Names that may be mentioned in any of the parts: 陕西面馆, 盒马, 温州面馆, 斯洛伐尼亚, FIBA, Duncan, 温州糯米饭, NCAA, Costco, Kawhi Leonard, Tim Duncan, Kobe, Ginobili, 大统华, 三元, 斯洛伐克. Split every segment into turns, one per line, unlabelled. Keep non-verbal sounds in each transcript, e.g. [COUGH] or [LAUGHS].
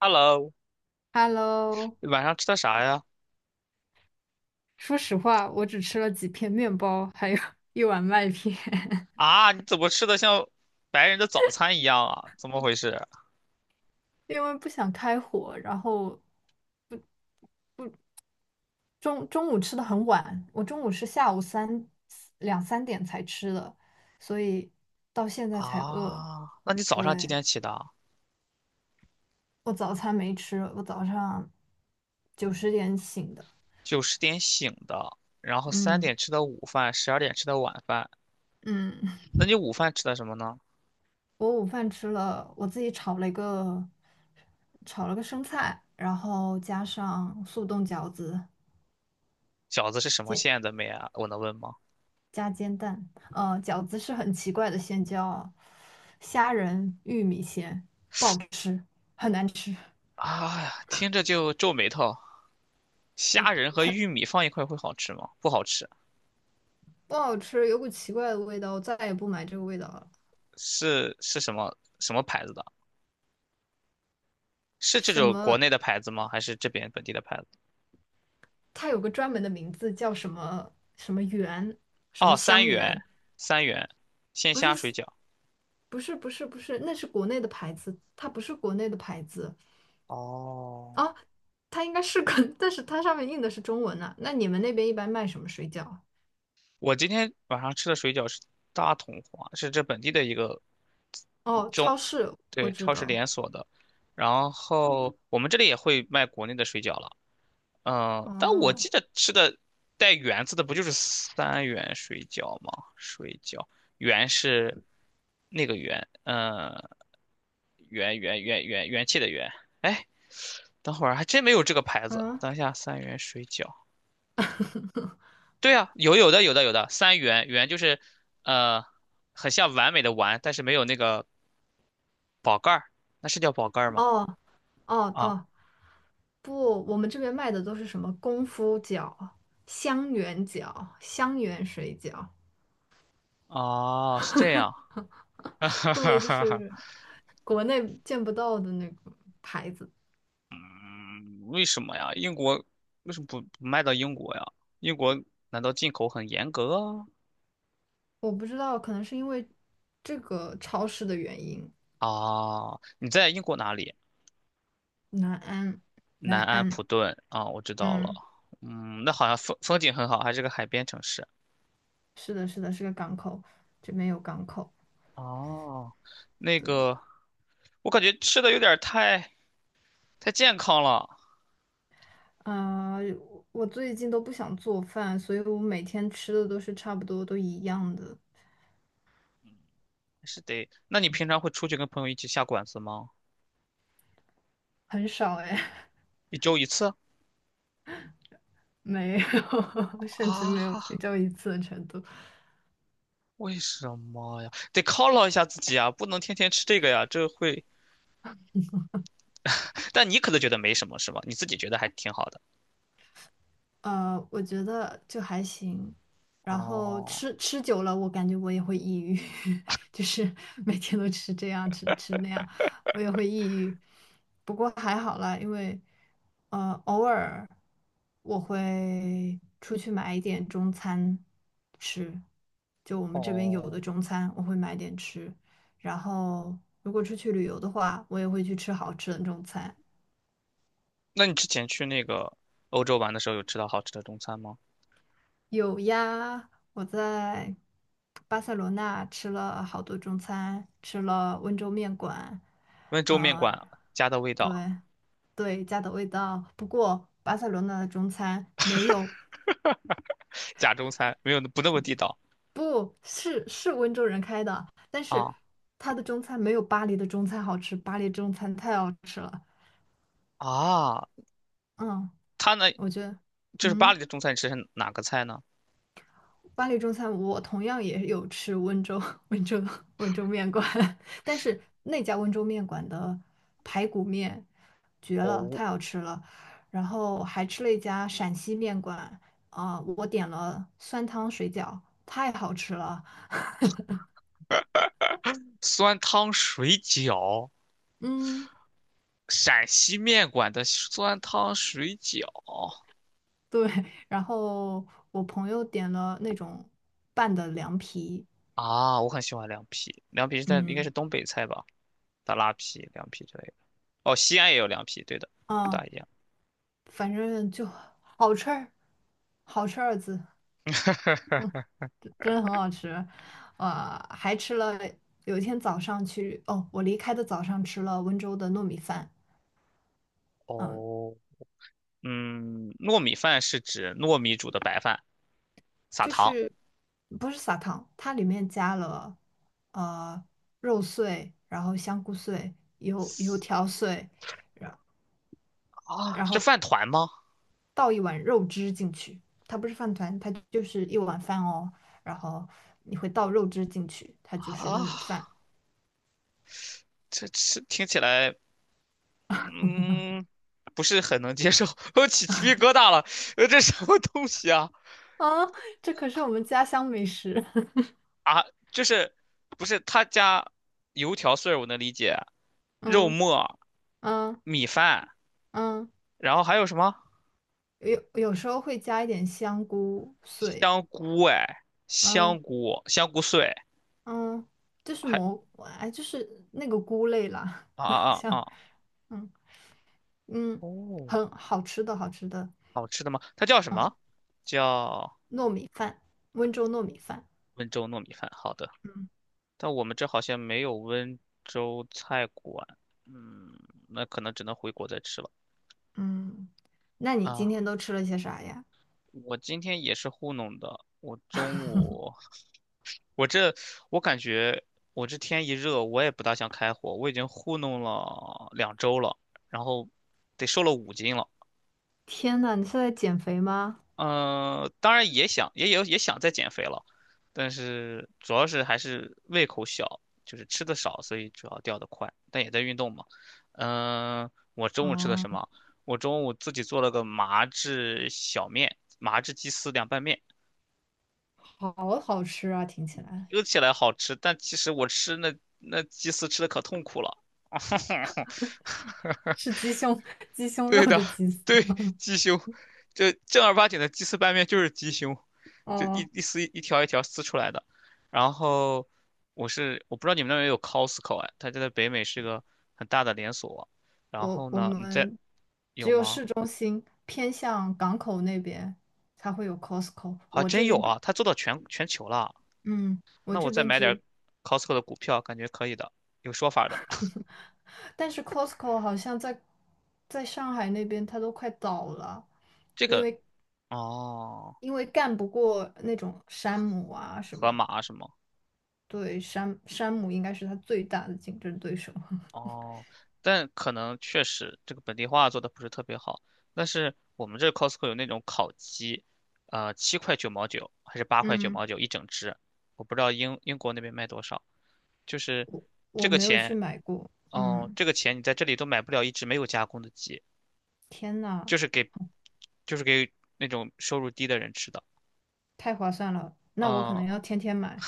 Hello，
Hello，
晚上吃的啥呀？
说实话，我只吃了几片面包，还有 [LAUGHS] 一碗麦片，
啊，你怎么吃的像白人的早餐一样啊？怎么回事？
[LAUGHS] 因为不想开火。然后中午吃的很晚，我中午是下午两三点才吃的，所以到现在才饿。
啊，那你早上几
对，
点起的啊？
我早餐没吃，我早上九十点醒的。
9、10点醒的，然后三
嗯
点吃的午饭，12点吃的晚饭。
嗯，
那你午饭吃的什么呢？
[LAUGHS] 我午饭吃了，我自己炒了个生菜，然后加上速冻饺子。
饺子是什么
煎
馅的妹啊？我能问吗？
加煎蛋，饺子是很奇怪的馅料啊，叫虾仁玉米馅，不好吃，很难吃，
啊呀，听着就皱眉头。虾仁和玉米放一块会好吃吗？不好吃。
不好吃，有股奇怪的味道，我再也不买这个味道了。
是什么牌子的？是这
什
种国
么？
内的牌子吗？还是这边本地的牌子？
它有个专门的名字叫什么什么圆，什么
哦，三
香
元，
圆？
三元，鲜
不
虾
是
水饺。
不是不是不是，那是国内的牌子，它不是国内的牌子
哦，
啊，它应该是个，[LAUGHS] 但是它上面印的是中文啊。那你们那边一般卖什么水饺啊？
我今天晚上吃的水饺是大统华，是这本地的一个
哦，
中，
超市，我
对，
知
超市连
道。
锁的。然后我们这里也会卖国内的水饺了。嗯，但我
哦，
记得吃的带圆字的不就是三元水饺吗？水饺圆”是那个圆”，嗯，元气的元。哎，等会儿还真没有这个牌子。
嗯。
等一下，三元水饺。对啊，有的，三元就是呃，很像完美的完，但是没有那个宝盖儿，那是叫宝盖儿吗？
哦哦
啊，
哦，不，我们这边卖的都是什么功夫饺、香圆饺、香圆水饺，
哦，是这
[LAUGHS]
样。[LAUGHS]
对，就
哈哈。
是国内见不到的那个牌子。
嗯，为什么呀？英国为什么不卖到英国呀？英国难道进口很严格
我不知道，可能是因为这个超市的原因。
啊？啊，你在英国哪里？
南安，南
南安
安，
普顿啊，我知道了。
嗯，
嗯，那好像风景很好，还是个海边城市。
是的，是的，是个港口，这边有港口。
哦，那
对，
个，我感觉吃的有点儿太健康了，
啊、我最近都不想做饭，所以我每天吃的都是差不多都一样的。
还是得。那你平常会出去跟朋友一起下馆子吗？
很少哎，
一周一次？
[LAUGHS] 没有，[LAUGHS] 甚至没有也
啊，
就一次的程度。
为什么呀？得犒劳一下自己啊，不能天天吃这个呀，这会但你可能觉得没什么，是吧？你自己觉得还挺好的。
我觉得就还行。然后
哦
吃久了，我感觉我也会抑郁，[LAUGHS] 就是每天都吃这样吃那样，我也会抑郁。不过还好啦，因为偶尔我会出去买一点中餐吃，就我们这边有的
哦，
中餐，我会买点吃。然后如果出去旅游的话，我也会去吃好吃的中餐。
那你之前去那个欧洲玩的时候，有吃到好吃的中餐吗？
有呀，我在巴塞罗那吃了好多中餐，吃了温州面馆，
温州面
呃，
馆家的味道，
对对，家的味道。不过巴塞罗那的中餐没有，
假中餐没有不那么地道
不是，是温州人开的，但是
啊
他的中餐没有巴黎的中餐好吃，巴黎中餐太好吃了。
啊。
嗯，
它呢，
我觉得，
就是巴
嗯。
黎的中餐，你吃的是哪个菜呢？
巴黎中餐，我同样也有吃温州 [LAUGHS] 温州温州面馆，[LAUGHS] 但是那家温州面馆的排骨面绝了，
哦，
太好吃了。然后还吃了一家陕西面馆，啊、我点了酸汤水饺，太好吃了。
酸汤水饺，
嗯，
陕西面馆的酸汤水饺
对。[LAUGHS] 然后我朋友点了那种拌的凉皮，
啊，我很喜欢凉皮，凉皮是应该是
嗯，
东北菜吧，大拉皮、凉皮之类的。哦，西安也有凉皮，对的，不
啊、
大一样。
反正就好吃儿，好吃二字。
[LAUGHS]
真的很好吃，还吃了有一天早上去，哦，我离开的早上吃了温州的糯米饭，嗯，
哦，嗯，糯米饭是指糯米煮的白饭，撒
就
糖，
是不是撒糖，它里面加了呃肉碎，然后香菇碎、油条碎，然
啊
然
是
后
饭团吗？
倒一碗肉汁进去，它不是饭团，它就是一碗饭哦，然后你会倒肉汁进去，它
[LAUGHS]
就是糯
啊，
米饭
这吃听起来，嗯，不是很能接受，[LAUGHS] 我起鸡皮疙瘩了，这什么东西啊？
啊，这可是我们家乡美食，
啊，就是不是他家油条碎儿我能理解，
[LAUGHS]
肉
嗯
末、
嗯
米饭，
嗯。
然后还有什么
有时候会加一点香菇碎，
香菇？哎，
嗯
香菇，香菇碎，
嗯，就是
还
蘑，哎，就是那个菇类啦，
啊
[LAUGHS]
啊啊！
像，
啊
嗯嗯，
哦，
很好吃的，好吃的，
好吃的吗？它叫什
嗯，
么？叫
糯米饭，温州糯米饭，
温州糯米饭。好的，
嗯
但我们这好像没有温州菜馆。嗯，那可能只能回国再吃了
嗯，那你今
啊。
天都吃了些啥呀？
我今天也是糊弄的，我中午，我这我感觉我这天一热，我也不大想开火，我已经糊弄了2周了，然后得瘦了5斤了。
天呐，你是在减肥吗？
嗯，当然也想，也想再减肥了，但是主要是还是胃口小，就是吃的少，所以主要掉的快，但也在运动嘛。嗯、我中午吃的
哦，
什么？我中午自己做了个麻汁小面，麻汁鸡丝凉拌面，
好好吃啊，听起来
说起来好吃，但其实我吃那鸡丝吃的可痛苦了。[LAUGHS]
是鸡胸 [LAUGHS] 鸡
[LAUGHS]
胸肉
对的，
的鸡丝
对，
吗？
鸡胸，这正儿八经的鸡丝拌面就是鸡胸，
[LAUGHS]
就一
哦。
一丝一条一条撕出来的。然后我不知道你们那边有 Costco 哎，它就在北美是个很大的连锁。然
我
后
我
呢，你在
们只
有
有
吗？
市中心偏向港口那边才会有 Costco。
还
我
真
这
有
边，
啊，它做到全球了。
嗯，我
那
这
我再
边
买点
只，
Costco 的股票，感觉可以的，有说法的。
但是 Costco 好像在上海那边它都快倒了，
这
因
个
为
哦，
因为干不过那种山姆啊什么
盒马
的
啊什么。
对，山姆应该是它最大的竞争对手。[LAUGHS]
哦，但可能确实这个本地化做的不是特别好。但是我们这 Costco 有那种烤鸡，7.99块还是八块九
嗯，
毛九一整只，我不知道英国那边卖多少。就是
我
这
我
个
没有去
钱，
买过。
哦，
嗯，
这个钱你在这里都买不了一只没有加工的鸡，
天呐，
就是给，就是给那种收入低的人吃的。
太划算了，那我可
嗯、
能要天天买。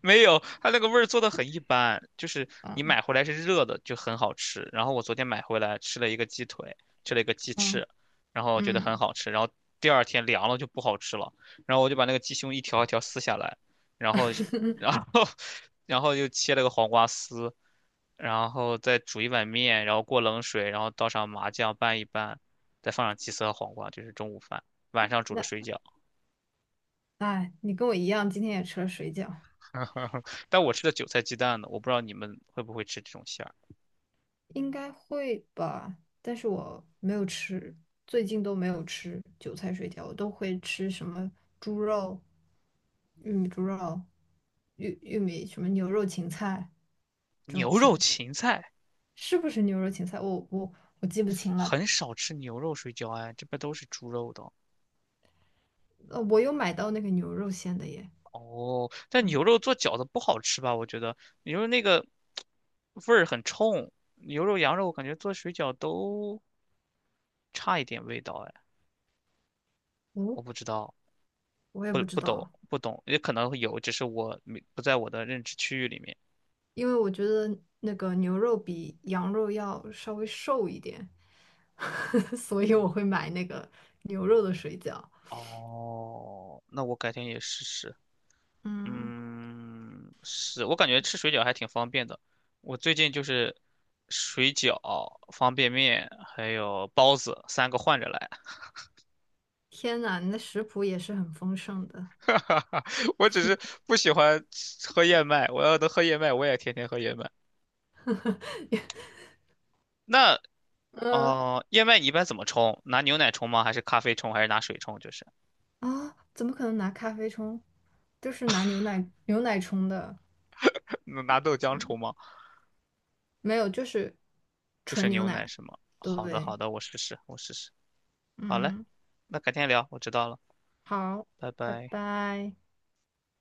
没有，它那个味儿做的很一般，就是你
嗯
买回来是热的，就很好吃。然后我昨天买回来吃了一个鸡腿，吃了一个鸡
嗯
翅，然后觉得很
嗯。
好吃。然后第二天凉了就不好吃了，然后我就把那个鸡胸一条一条撕下来，然后，
[LAUGHS]
然后，[LAUGHS] 然后又切了个黄瓜丝，然后再煮一碗面，然后过冷水，然后倒上麻酱拌一拌，再放上鸡丝和黄瓜，这是中午饭。晚上煮的
那
水饺，
哎，你跟我一样，今天也吃了水饺，
[LAUGHS] 但我吃的韭菜鸡蛋呢，我不知道你们会不会吃这种馅儿。
应该会吧？但是我没有吃，最近都没有吃韭菜水饺，我都会吃什么猪肉、玉米猪肉、玉米什么牛肉芹菜这种
牛肉
馅，
芹菜
是不是牛肉芹菜？我记不清了。
很少吃牛肉水饺，哎，这边都是猪肉的。
我有买到那个牛肉馅的耶，
哦，但
嗯，
牛肉做饺子不好吃吧？我觉得牛肉那个味儿很冲，牛肉、羊肉，我感觉做水饺都差一点味道，哎，
哦，
我不知道，
我也不知道。
不懂，也可能会有，只是我没不在我的认知区域里面。
因为我觉得那个牛肉比羊肉要稍微瘦一点，[LAUGHS] 所以我会买那个牛肉的水饺。
哦，那我改天也试试。
嗯，
嗯，是我感觉吃水饺还挺方便的。我最近就是水饺、方便面还有包子三个换着来。
天呐，你的食谱也是很丰盛的。
[LAUGHS] 我只是不喜欢喝燕麦，我要能喝燕麦，我也天天喝燕麦。
[LAUGHS]
那
嗯
哦、燕麦你一般怎么冲？拿牛奶冲吗？还是咖啡冲？还是拿水冲？就是
啊，怎么可能拿咖啡冲？就是拿牛奶冲的。
[LAUGHS] 拿豆浆
嗯，
冲吗？
没有，就是
就是
纯牛
牛奶
奶。
是吗？好的，
对，
好的，我试试，我试试。好嘞，
嗯，
那改天聊，我知道了，
好，
拜
拜
拜。
拜。